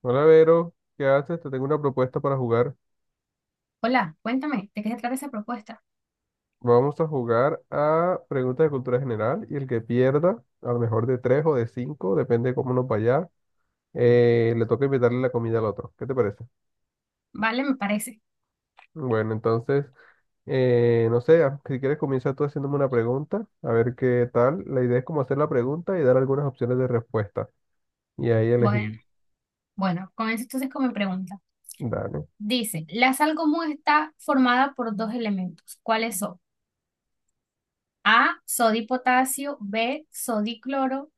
Hola Vero, ¿qué haces? Te tengo una propuesta para jugar. Hola, cuéntame, ¿de qué se trata esa propuesta? Vamos a jugar a preguntas de cultura general y el que pierda, a lo mejor de tres o de cinco, depende de cómo nos vaya, le toca invitarle la comida al otro. ¿Qué te parece? Vale, me parece. Bueno, entonces, no sé, ah, si quieres comienza tú haciéndome una pregunta, a ver qué tal. La idea es como hacer la pregunta y dar algunas opciones de respuesta. Y ahí elegí. Bueno, bueno, comienzo entonces con mi pregunta. Dale. Dice, la sal común está formada por dos elementos. ¿Cuáles son? A, sodio y potasio, B, sodio y cloro,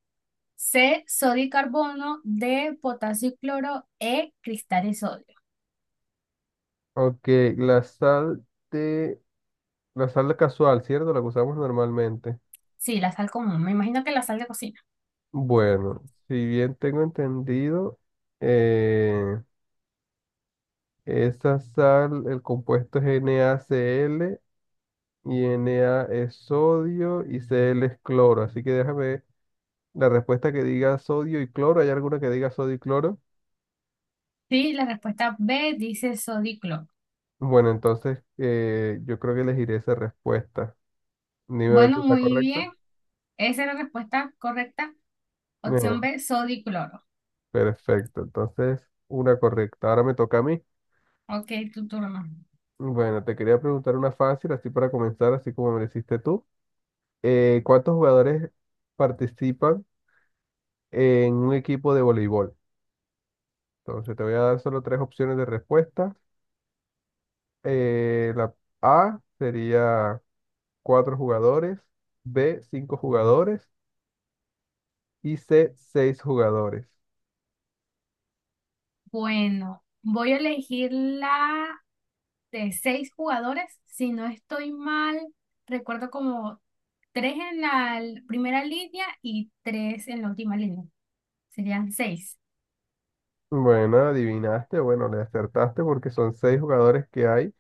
C, sodio y carbono, D, potasio y cloro, E, cristal y sodio. Ok, la sal de... la sal casual, ¿cierto? La que usamos normalmente. Sí, la sal común. Me imagino que la sal de cocina. Bueno, si bien tengo entendido, eh, esa sal, el compuesto es NaCl y Na es sodio y Cl es cloro. Así que déjame ver la respuesta que diga sodio y cloro. ¿Hay alguna que diga sodio y cloro? Sí, la respuesta B dice sodio y cloro. Bueno, entonces yo creo que elegiré esa respuesta. Dime a ver si Bueno, está muy correcta. bien. Esa es la respuesta correcta. Opción Bien, B, sodio y cloro. perfecto. Entonces, una correcta. Ahora me toca a mí. Ok, tu turno. Bueno, te quería preguntar una fácil, así para comenzar, así como me la hiciste tú. ¿Cuántos jugadores participan en un equipo de voleibol? Entonces te voy a dar solo tres opciones de respuesta. La A sería cuatro jugadores, B cinco jugadores y C seis jugadores. Bueno, voy a elegir la de 6 jugadores. Si no estoy mal, recuerdo como 3 en la primera línea y 3 en la última línea. Serían 6. Bueno, adivinaste, bueno, le acertaste porque son seis jugadores que hay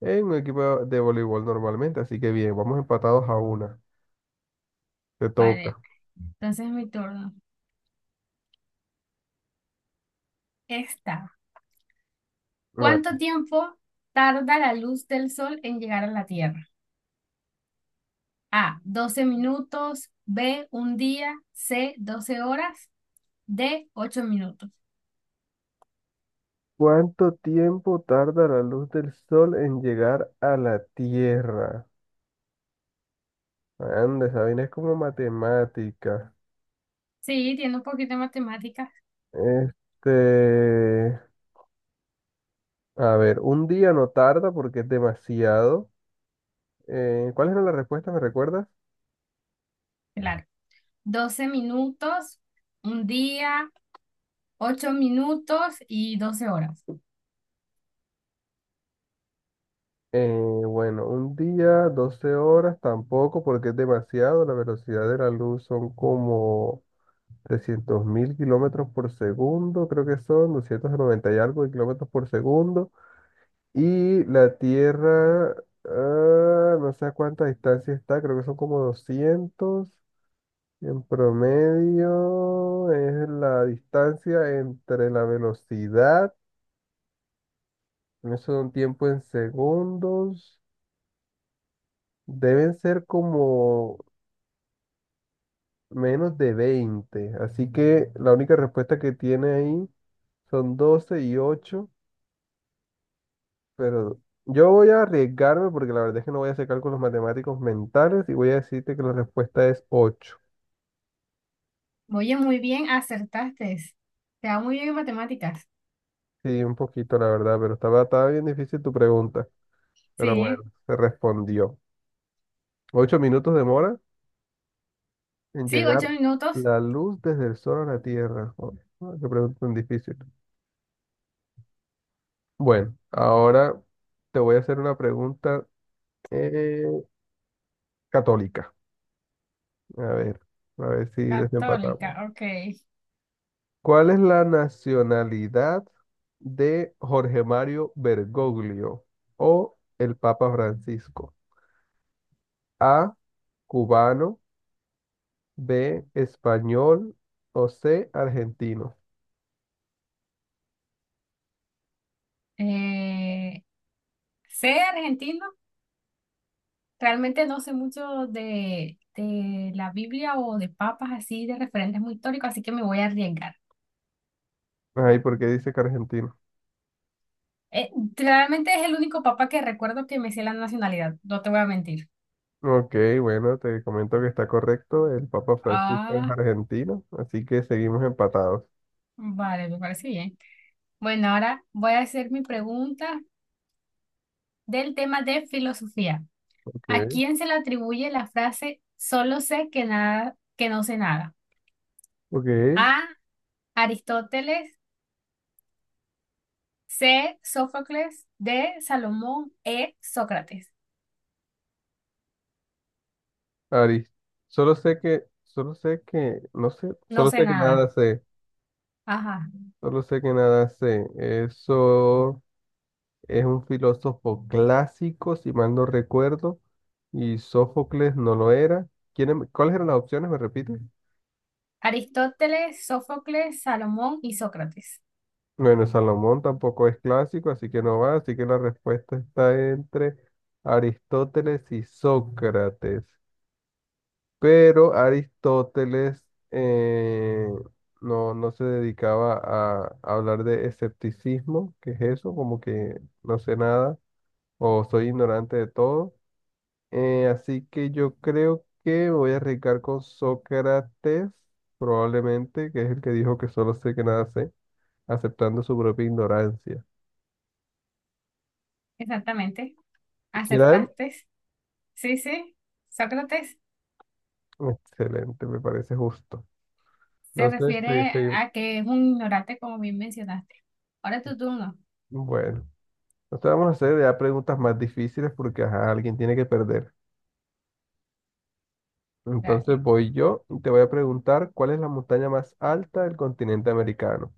en un equipo de voleibol normalmente, así que bien, vamos empatados a una. Te Vale, toca. entonces mi turno. Esta. ¿Cuánto tiempo tarda la luz del sol en llegar a la Tierra? A, 12 minutos, B, un día, C, 12 horas, D, 8 minutos. ¿Cuánto tiempo tarda la luz del sol en llegar a la Tierra? Anda, esa vaina es como matemática. Sí, tiene un poquito de matemáticas. Este, a ver, un día no tarda porque es demasiado. ¿Cuáles eran las respuestas? ¿Me recuerdas? Claro. 12 minutos, un día, 8 minutos y 12 horas. Eh, bueno, un día, 12 horas tampoco porque es demasiado. La velocidad de la luz son como 300.000 kilómetros por segundo, creo que son 290 y algo de kilómetros por segundo. Y la Tierra, ah, no sé a cuánta distancia está, creo que son como doscientos. En promedio es la distancia entre la velocidad, eso da un tiempo en segundos, deben ser como menos de 20. Así que la única respuesta que tiene ahí son 12 y ocho, pero yo voy a arriesgarme porque la verdad es que no voy a hacer cálculos matemáticos mentales y voy a decirte que la respuesta es ocho. Oye, muy bien, acertaste. Te va muy bien en matemáticas. Sí, un poquito, la verdad, pero estaba bien difícil tu pregunta. Pero Sí, bueno, se respondió. 8 minutos demora en sí, llegar 8 minutos. la luz desde el sol a la Tierra. Oh, oh, qué pregunta tan difícil. Bueno, ahora te voy a hacer una pregunta eh, católica. A ver, a ver si desempatamos. Católica, ok. ¿Cuál es la nacionalidad de Jorge Mario Bergoglio o el Papa Francisco? A, cubano. B, español o C, argentino. Eh, sé argentino. Realmente no sé mucho de la Biblia o de papas así, de referentes muy históricos, así que me voy a arriesgar. Ay, ¿por qué dice que argentino? Eh, realmente es el único papá que recuerdo que me sé la nacionalidad, no te voy a mentir. Ok, bueno, te comento que está correcto. El Papa Francisco es Ah, argentino, así que seguimos empatados. vale, me parece bien. Bueno, ahora voy a hacer mi pregunta del tema de filosofía. ¿A Ok, quién se le atribuye la frase solo sé que nada, que no sé nada? ok. A, Aristóteles, C, Sófocles, D, Salomón, E, Sócrates. Ari, solo sé que, no sé, No solo sé sé que nada. nada sé, Ajá. solo sé que nada sé. Eso es un filósofo clásico, si mal no recuerdo, y Sófocles no lo era. ¿Cuáles eran las opciones? ¿Me repite? Aristóteles, Sófocles, Salomón y Sócrates. Bueno, Salomón tampoco es clásico, así que no va, así que la respuesta está entre Aristóteles y Sócrates. Pero Aristóteles eh, no, no se dedicaba a hablar de escepticismo, que es eso, como que no sé nada o soy ignorante de todo. Así que yo creo que me voy a arriesgar con Sócrates, probablemente, que es el que dijo que solo sé que nada sé, aceptando su propia ignorancia. Exactamente. ¿Será él? Acertaste. Sí, sí, Sócrates Excelente, me parece justo. se Entonces, sí, refiere sí, a que es un ignorante, como bien mencionaste. Ahora tu turno, bueno, entonces vamos a hacer ya preguntas más difíciles porque ajá, alguien tiene que perder. Entonces dale. voy yo y te voy a preguntar cuál es la montaña más alta del continente americano,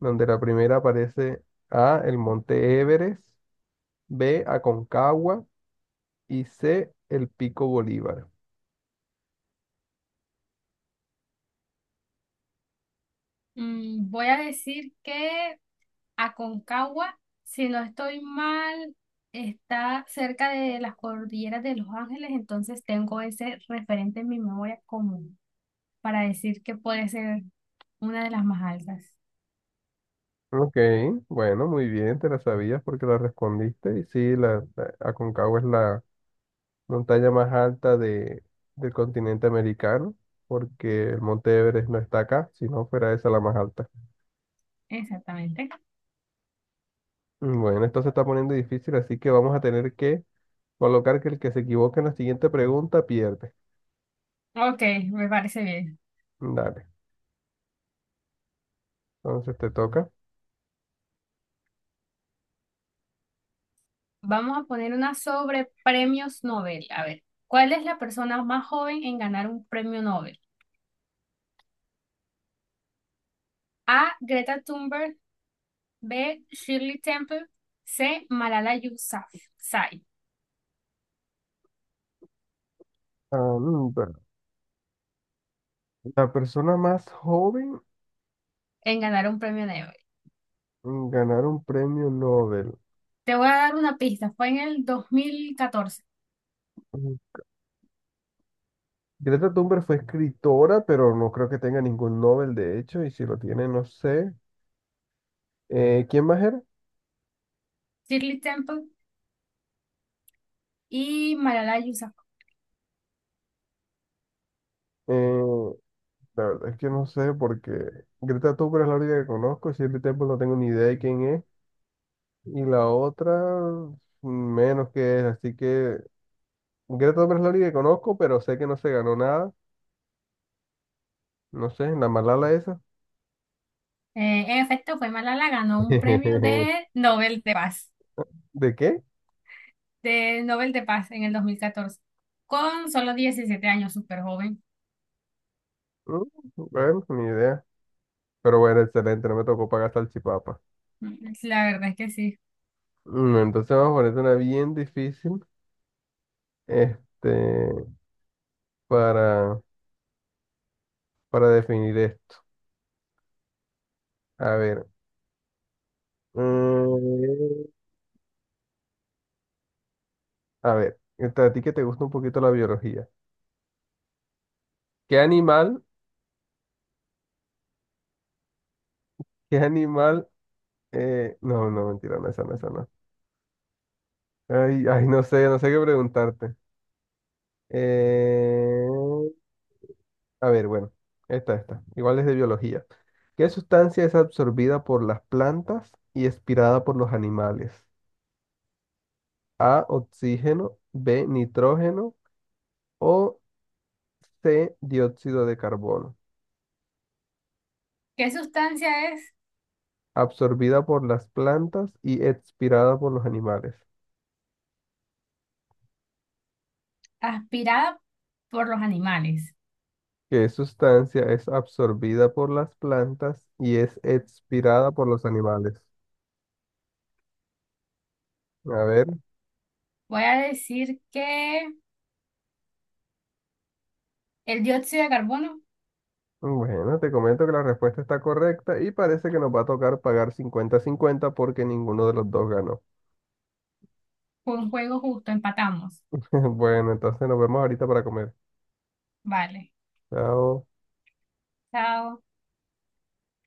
donde la primera aparece. A, el Monte Everest, B, Aconcagua y C, el Pico Bolívar. Mm, voy a decir que Aconcagua, si no estoy mal, está cerca de las cordilleras de Los Ángeles, entonces tengo ese referente en mi memoria común para decir que puede ser una de las más altas. Ok, bueno, muy bien, te la sabías porque la respondiste y sí, la Aconcagua es la montaña más alta del continente americano, porque el Monte Everest no está acá, si no fuera esa la más alta. Exactamente. Bueno, esto se está poniendo difícil, así que vamos a tener que colocar que el que se equivoque en la siguiente pregunta pierde. Ok, me parece bien. Dale, entonces te toca. Vamos a poner una sobre premios Nobel. A ver, ¿cuál es la persona más joven en ganar un premio Nobel? A. Greta Thunberg. B. Shirley Temple. C. Malala Yousafzai Ah, bueno, la persona más joven en ganar un premio Nobel. en ganar un premio Nobel. Te voy a dar una pista. Fue en el 2014. Mm, Greta Thunberg fue escritora, pero no creo que tenga ningún Nobel, de hecho, y si lo tiene, no sé. ¿Quién más era? Shirley Temple y Malala Yousafzai. Eh, La verdad es que no sé porque Greta Thunberg es la única que conozco, Shirley Temple no tengo ni idea de quién es y la otra menos que es, así que Greta Thunberg es la única que conozco, pero sé que no se ganó nada, no sé, la Malala esa. En efecto, fue Malala, ganó un premio ¿De de Nobel de Paz, qué? de Nobel de Paz en el 2014 con solo 17 años, súper joven. Mm, Bueno, ni idea. Pero bueno, excelente, no me tocó pagar salchipapa. La verdad es que sí. Entonces vamos a ponerte una bien difícil, este, para, para, definir esto. A ver. mm, A ver, a ti que te gusta un poquito la biología. ¿Qué animal, qué animal, no, no, mentira, no, esa no, esa no. Ay, ay, no sé, no sé qué preguntarte. Eh, a ver, bueno, esta, igual es de biología. ¿Qué sustancia es absorbida por las plantas y expirada por los animales? A, oxígeno, B, nitrógeno o C, dióxido de carbono. ¿Qué sustancia es Absorbida por las plantas y expirada por los animales. aspirada por los animales? Que sustancia es absorbida por las plantas y es expirada por los animales? A ver, Voy a decir que el dióxido de carbono bueno, te comento que la respuesta está correcta y parece que nos va a tocar pagar 50/50 porque ninguno de los dos ganó. fue un juego justo, empatamos. Bueno, entonces nos vemos ahorita para comer. Vale, Chao. chao.